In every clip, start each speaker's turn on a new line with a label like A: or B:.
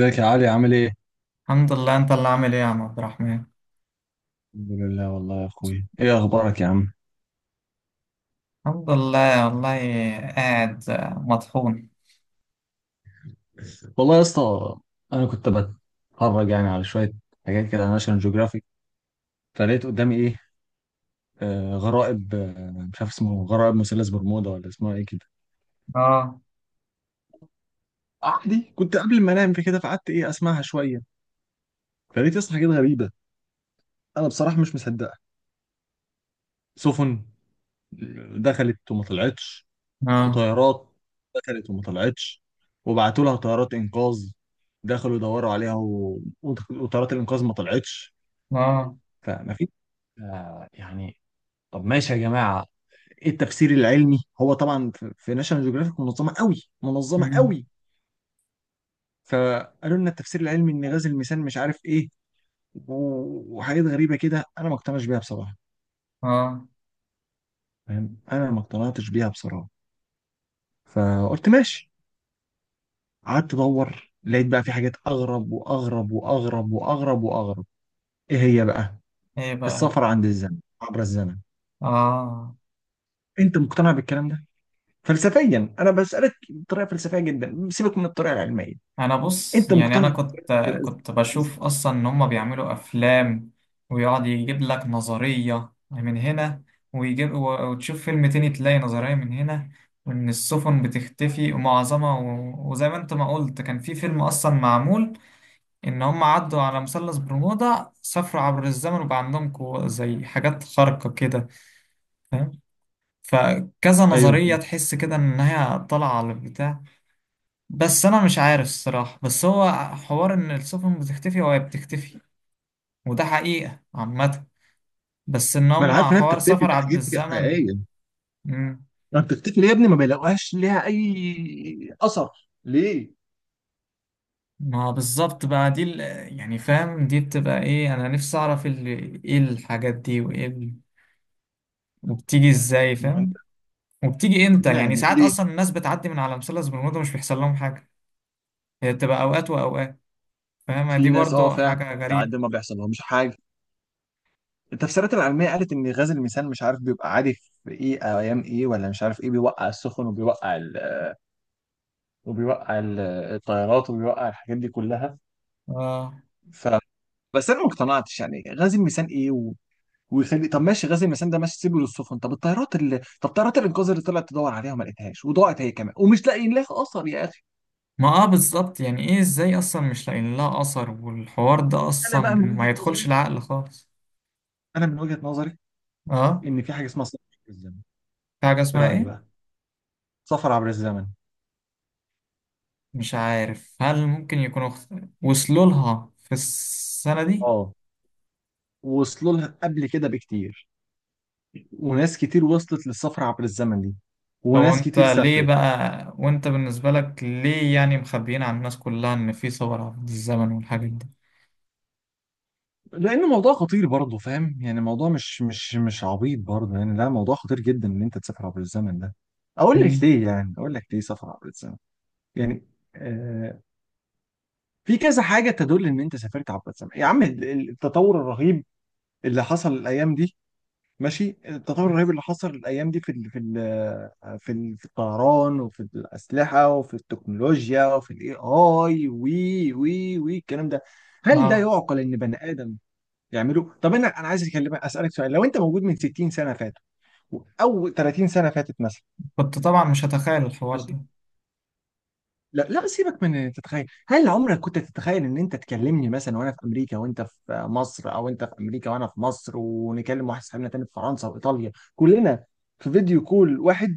A: ازيك يا علي؟ عامل ايه؟
B: الحمد لله. انت اللي عامل ايه يا عم عبد الرحمن؟
A: الحمد لله والله يا اخوي، ايه اخبارك يا عم؟
B: الحمد لله والله. قاعد مطحون.
A: والله يا اسطى، انا كنت بتفرج يعني على شويه حاجات كده على ناشونال جيوغرافيك، فلقيت قدامي ايه. آه، غرائب. آه مش عارف اسمه غرائب مثلث برمودا ولا اسمها ايه كده.
B: اه.
A: عادي كنت قبل ما انام في كده فقعدت ايه اسمعها شويه، فلقيت يا اسطى حاجات غريبه. انا بصراحه مش مصدقها. سفن دخلت وما طلعتش،
B: اه.
A: وطيارات دخلت وما طلعتش، وبعتوا لها طيارات انقاذ دخلوا يدوروا عليها و... وت- وطيارات الانقاذ ما طلعتش.
B: اه.
A: فما في، آه يعني، طب ماشي يا جماعة، ايه التفسير العلمي؟ هو طبعا في ناشونال جيوغرافيك منظمه قوي، منظمه
B: مم.
A: قوي، فقالوا لنا التفسير العلمي ان غاز الميثان مش عارف ايه و- وحاجات غريبه كده انا ما اقتنعش بيها بصراحه.
B: اه.
A: فاهم، انا ما اقتنعتش بيها بصراحه، فقلت ماشي. قعدت ادور لقيت بقى في حاجات اغرب واغرب واغرب واغرب واغرب. ايه هي بقى؟
B: ايه بقى.
A: السفر عند الزمن، عبر الزمن.
B: اه،
A: انت مقتنع بالكلام ده؟ فلسفيا انا بسالك بطريقه فلسفيه جدا، سيبك من الطريقه العلميه.
B: انا بص
A: انت
B: يعني انا
A: مقتنع
B: كنت
A: بالكلام ده؟
B: كنت بشوف اصلا ان هم بيعملوا افلام، ويقعد يجيب لك نظرية من هنا، ويجيب وتشوف فيلم تاني تلاقي نظرية من هنا، وان السفن بتختفي ومعظمها وزي ما انت ما قلت كان في فيلم اصلا معمول ان هم عدوا على مثلث برمودا، سافروا عبر الزمن وبقى عندهم قوة زي حاجات خارقة كده، فاهم؟ فكذا
A: ايوه
B: نظرية
A: فاهم.
B: تحس كده ان هي طالعة على البتاع. بس انا مش عارف الصراحة، بس هو حوار ان السفن بتختفي وهي بتختفي، وده حقيقة عامة، بس ان
A: ما انا
B: هم
A: عارف انها
B: حوار
A: بتختفي، دي
B: سفر عبر
A: حاجات
B: الزمن.
A: حقيقيه.
B: مم.
A: ما بتختفي ليه يا ابني؟ ما بيلاقوهاش ليها اي اثر، ليه؟
B: ما بالظبط بقى، يعني فاهم دي بتبقى ايه؟ انا نفسي اعرف ايه الحاجات دي، وايه وبتيجي ازاي
A: ما هو انت
B: فاهم، وبتيجي
A: لازم
B: امتى؟ يعني
A: تقنعني
B: ساعات
A: ليه.
B: اصلا الناس بتعدي من على مثلث برمودا مش بيحصل لهم حاجه، هي بتبقى اوقات واوقات، فاهمة؟ دي
A: في ناس اه
B: برضو
A: فعلا
B: حاجه غريبه.
A: بتعدي ما بيحصل لهمش حاجه. التفسيرات العلمية قالت إن غاز الميثان مش عارف بيبقى عادي في إيه أو أيام إيه ولا مش عارف إيه بيوقع السفن، وبيوقع ال... وبيوقع ال... الطيارات وبيوقع الحاجات دي كلها.
B: اه،
A: ف، بس أنا ما اقتنعتش يعني غاز الميثان إيه و... ويخلي، طب ماشي غاز الميثان ده ماشي سيبه للسفن، طب الطيارات اللي طب طيارات الإنقاذ اللي طلعت تدور عليها وما لقيتهاش وضاعت هي كمان ومش لاقيين لها أثر يا أخي.
B: ما اه بالظبط. يعني ايه ازاي اصلا مش لاقيين لها اثر؟ والحوار ده
A: أنا
B: اصلا
A: بقى من وجهة
B: ما يدخلش
A: نظري،
B: العقل خالص.
A: أنا من وجهة نظري
B: اه.
A: إن في حاجة اسمها سفر عبر الزمن.
B: في حاجه
A: إيه
B: اسمها
A: رأيك
B: ايه؟
A: بقى؟ سفر عبر الزمن.
B: مش عارف هل ممكن وصلوا لها في السنه دي؟
A: أه، وصلوا لها قبل كده بكتير، وناس كتير وصلت للسفر عبر الزمن دي،
B: طب
A: وناس
B: انت
A: كتير
B: ليه
A: سافرت.
B: بقى، وانت بالنسبه لك ليه يعني مخبيين عن الناس كلها ان في ثوره في الزمن والحاجات دي؟
A: لان موضوع خطير برضه، فاهم يعني موضوع مش عبيط برضه، يعني لا، موضوع خطير جدا ان انت تسافر عبر الزمن ده. اقول لك
B: مم.
A: ليه، يعني اقول لك ليه سفر عبر الزمن؟ يعني آه، في كذا حاجه تدل ان انت سافرت عبر الزمن يا عم. التطور الرهيب اللي حصل الايام دي، ماشي التطور الرهيب اللي حصل الايام دي في الطيران وفي الاسلحه وفي التكنولوجيا وفي الاي اي وي وي وي الكلام ده. هل ده
B: اه،
A: يعقل ان بني ادم يعمله؟ طب انا عايز اكلمك اسالك سؤال، لو انت موجود من 60 سنه فاتوا او 30 سنه فاتت مثلا
B: كنت طبعا مش هتخيل الحوار ده.
A: ماشي، لا لا سيبك من إن تتخيل، هل عمرك كنت تتخيل ان انت تكلمني مثلا وانا في امريكا وانت في مصر، او انت في امريكا وانا في مصر، ونكلم واحد صاحبنا تاني في فرنسا وايطاليا كلنا في فيديو كول واحد؟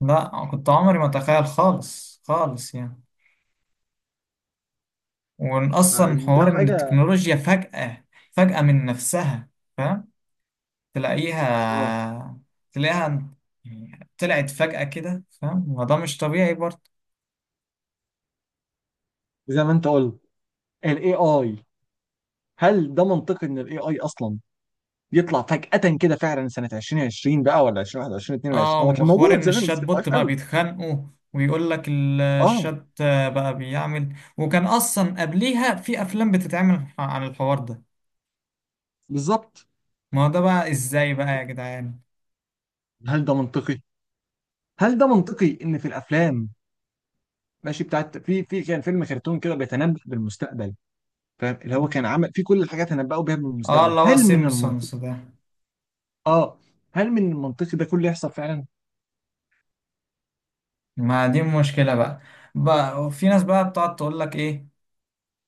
B: لا، كنت عمري ما اتخيل خالص خالص يعني، وان اصلا
A: فده
B: حوار ان
A: حاجه.
B: التكنولوجيا فجأة من نفسها، فاهم،
A: اه،
B: تلاقيها، تلاقيها، يعني طلعت فجأة كده، فاهم؟ ما ده مش طبيعي برضه.
A: زي ما انت قلت، الاي اي، هل ده منطقي ان الاي اي اصلا يطلع فجأة كده؟ فعلا سنة 2020 بقى ولا 2021 22،
B: اه،
A: هو كان
B: وحوار
A: موجود
B: ان
A: زمان
B: الشات
A: بس كان ضعيف
B: بوت بقى
A: قوي.
B: بيتخانقوا، ويقول لك
A: اه
B: الشات بقى بيعمل، وكان اصلا قبليها في افلام بتتعمل عن الحوار ده.
A: بالظبط.
B: ما هو ده بقى ازاي بقى يا جدعان؟
A: هل ده منطقي؟ هل ده منطقي ان في الافلام، ماشي بتاعت، في كان فيلم كرتون كده بيتنبأ بالمستقبل، فاهم اللي هو كان عمل في كل الحاجات تنبأوا بيها
B: اه،
A: بالمستقبل.
B: اللي هو
A: هل من المنطقي؟
B: سيمبسونز ده.
A: اه، هل من المنطقي ده كله يحصل فعلا؟
B: ما دي مشكلة بقى. في ناس بقى بتقعد تقول لك ايه،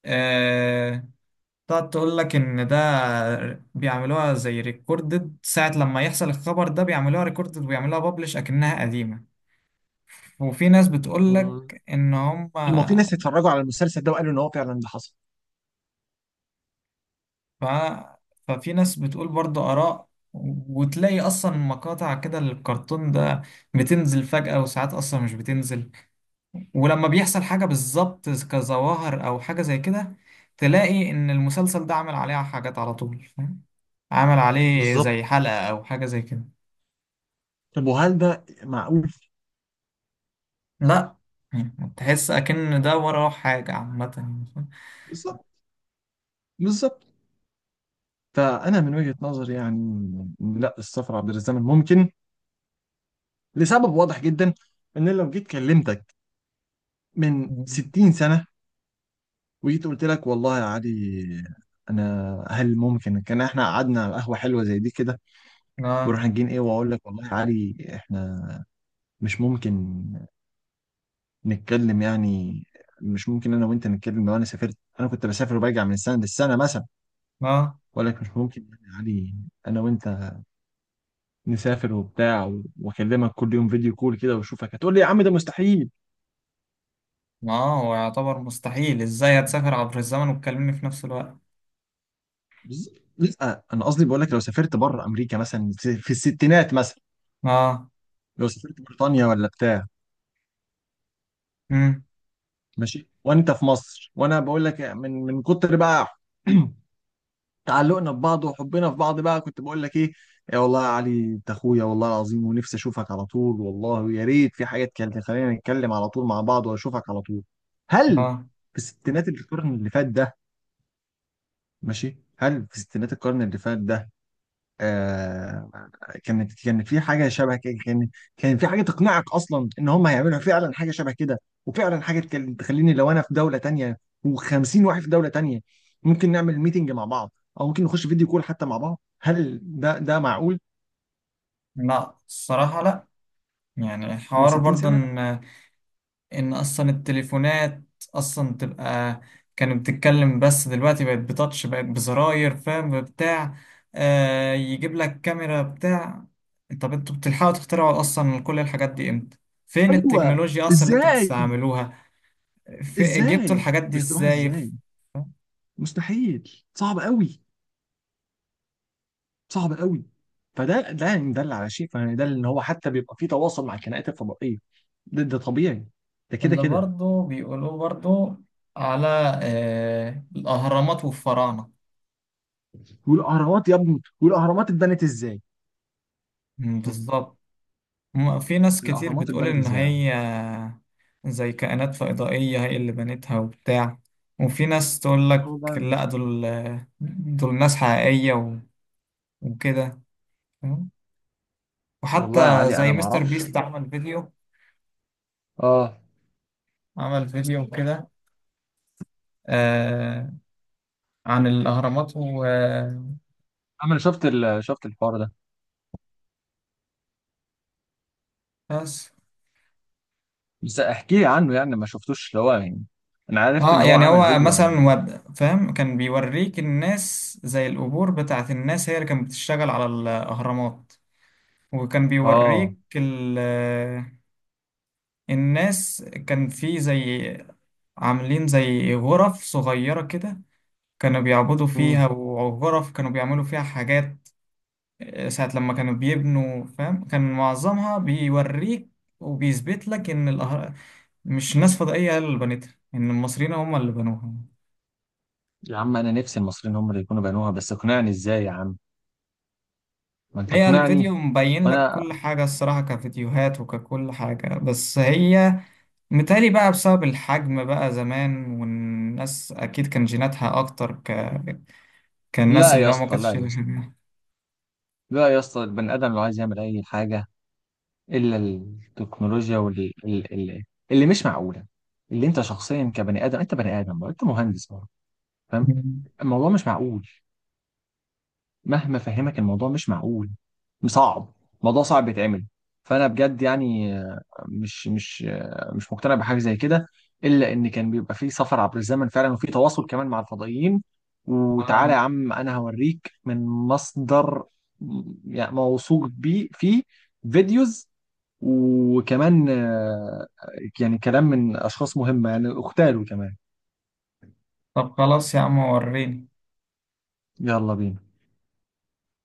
B: آه، بتقعد تقول لك ان ده بيعملوها زي ريكوردد، ساعة لما يحصل الخبر ده بيعملوها ريكوردد ويعملوها بابلش اكنها قديمة. وفي ناس بتقول لك ان هم ف...
A: ما في ناس اتفرجوا على المسلسل ده وقالوا ان هو فعلا ده حصل.
B: ففي ناس بتقول برضه آراء، وتلاقي اصلا مقاطع كده للكرتون ده بتنزل فجأة، وساعات اصلا مش بتنزل، ولما بيحصل حاجة بالظبط كظواهر أو حاجة زي كده تلاقي إن المسلسل ده عمل عليه حاجات على طول، فاهم، عمل عليه
A: بالظبط،
B: زي حلقة أو حاجة زي كده.
A: طب وهل ده معقول؟
B: لا. يعني تحس أكن ده وراه حاجة عامة يعني.
A: بالظبط، بالظبط. فأنا من وجهة نظري يعني إن لا، السفر عبر الزمن ممكن لسبب واضح جدا، إن لو جيت كلمتك من
B: فاهم؟
A: 60 سنة وجيت قلت لك والله يا علي، أنا هل ممكن كان إحنا قعدنا على قهوة حلوة زي دي كده
B: لا.
A: ورحنا جين إيه، وأقول لك والله يا علي إحنا مش ممكن نتكلم يعني، مش ممكن أنا وأنت نتكلم. لو أنا سافرت، أنا كنت بسافر وبرجع من السنة للسنة مثلا،
B: لا،
A: وأقول لك مش ممكن يعني يا علي انا وانت نسافر وبتاع و- واكلمك كل يوم فيديو كول كده واشوفك، هتقول لي يا عم ده مستحيل.
B: ما هو يعتبر مستحيل، إزاي هتسافر عبر الزمن وتكلمني في نفس الوقت؟
A: لا انا قصدي بقول لك لو سافرت بره امريكا مثلا، في الستينات مثلا،
B: آه.
A: لو سافرت بريطانيا ولا بتاع
B: مم.
A: ماشي وانت في مصر، وانا بقول لك من كتر بقى تعلقنا ببعض وحبنا في بعض بقى، كنت بقول لك ايه، يا والله يا علي انت اخويا والله العظيم، ونفسي اشوفك على طول والله، ويا ريت في حاجه تكلم خلينا نتكلم على طول مع بعض واشوفك على طول. هل
B: آه.
A: في الستينات القرن اللي فات ده ماشي، هل في ستينات القرن اللي فات ده آه، كانت كان في حاجه شبه كده؟ كان كان في حاجه تقنعك اصلا ان هم هيعملوا فعلا حاجه شبه كده؟ وفعلا حاجه تخليني لو انا في دوله تانية و50 واحد في دوله تانية ممكن نعمل ميتنج مع بعض او ممكن نخش فيديو كول حتى مع بعض؟ هل ده معقول
B: لا، الصراحة لا. يعني
A: من
B: حوار برضه
A: 60 سنه؟ لا.
B: إن ان اصلا التليفونات اصلا تبقى كانت بتتكلم، بس دلوقتي بقت بتاتش، بقت بزراير، فاهم، بتاع، آه يجيب لك كاميرا بتاع. طب انتوا بتلحقوا تخترعوا اصلا كل الحاجات دي امتى؟ فين
A: ايوه
B: التكنولوجيا اصلا اللي انتوا
A: ازاي،
B: بتستعملوها؟ في جبتوا
A: ازاي
B: الحاجات دي
A: بيخترعها
B: ازاي؟
A: ازاي؟ مستحيل، صعب قوي، صعب قوي. فده ده يعني دل على شيء، فيعني ده ان هو حتى بيبقى في تواصل مع الكائنات الفضائيه. ده، ده طبيعي، ده كده
B: اللي
A: كده.
B: برضو بيقولوه برضو، على، آه، الاهرامات والفراعنة.
A: والاهرامات يا ابني، والاهرامات اتبنت ازاي؟
B: مم،
A: هم،
B: بالظبط. في ناس كتير
A: الاهرامات
B: بتقول
A: اتبنت
B: إن
A: ازاي يا عم؟
B: هي زي كائنات فضائية هي اللي بنتها وبتاع، وفي ناس تقول لك
A: والله
B: لا، دول ناس حقيقية وكده، فاهم؟
A: والله يا
B: وحتى
A: علي
B: زي
A: انا ما
B: مستر
A: اعرفش.
B: بيست عمل فيديو،
A: اه،
B: عمل فيديو كده، آه، عن الأهرامات وبس.
A: انا شفت ال... شفت الحوار ده بس احكي لي عنه يعني، ما شفتوش اللي هو يعني، انا عرفت
B: اه،
A: ان هو
B: يعني
A: عمل
B: هو
A: فيديو عن.
B: مثلا فاهم كان بيوريك الناس زي القبور بتاعت الناس هي اللي كانت بتشتغل على الأهرامات، وكان
A: اه،
B: بيوريك الناس، كان في زي عاملين زي غرف صغيرة كده، كانوا بيعبدوا
A: مم.
B: فيها، وغرف كانوا بيعملوا فيها حاجات، آه، ساعة لما كانوا بيبنوا، فاهم؟ كان معظمها بيوريك، وبيثبت لك إن الأهر... مش ناس فضائية هي اللي بنتها، إن المصريين هم اللي بنوها.
A: يا عم انا نفسي المصريين هم اللي يكونوا بنوها بس اقنعني ازاي يا عم، ما انت
B: هي الفيديو
A: اقنعني.
B: مبين لك
A: وانا،
B: كل حاجة الصراحة، كفيديوهات وككل حاجة، بس هي متهيألي بقى بسبب الحجم بقى زمان، والناس أكيد كان جيناتها أكتر ك... كان الناس
A: لا يا
B: اللي هو ما
A: اسطى
B: كانتش
A: لا يا
B: شايلة
A: اسطى
B: حاجة.
A: لا يا اسطى، البني ادم لو عايز يعمل اي حاجه الا التكنولوجيا، واللي اللي، اللي مش معقوله، اللي انت شخصيا كبني ادم، انت بني ادم برضه، انت مهندس برضه، فاهم.
B: مم.
A: الموضوع مش معقول، مهما فهمك الموضوع مش معقول، صعب، الموضوع صعب بيتعمل. فانا بجد يعني مش مش مش مقتنع بحاجه زي كده الا ان كان بيبقى فيه سفر عبر الزمن فعلا، وفي تواصل كمان مع الفضائيين. وتعالى
B: آه.
A: يا عم انا هوريك من مصدر يعني موثوق بيه، فيه فيديوز وكمان آه، يعني كلام من اشخاص مهمه يعني اغتالوا كمان.
B: طب خلاص يا عم وريني.
A: يلا بينا.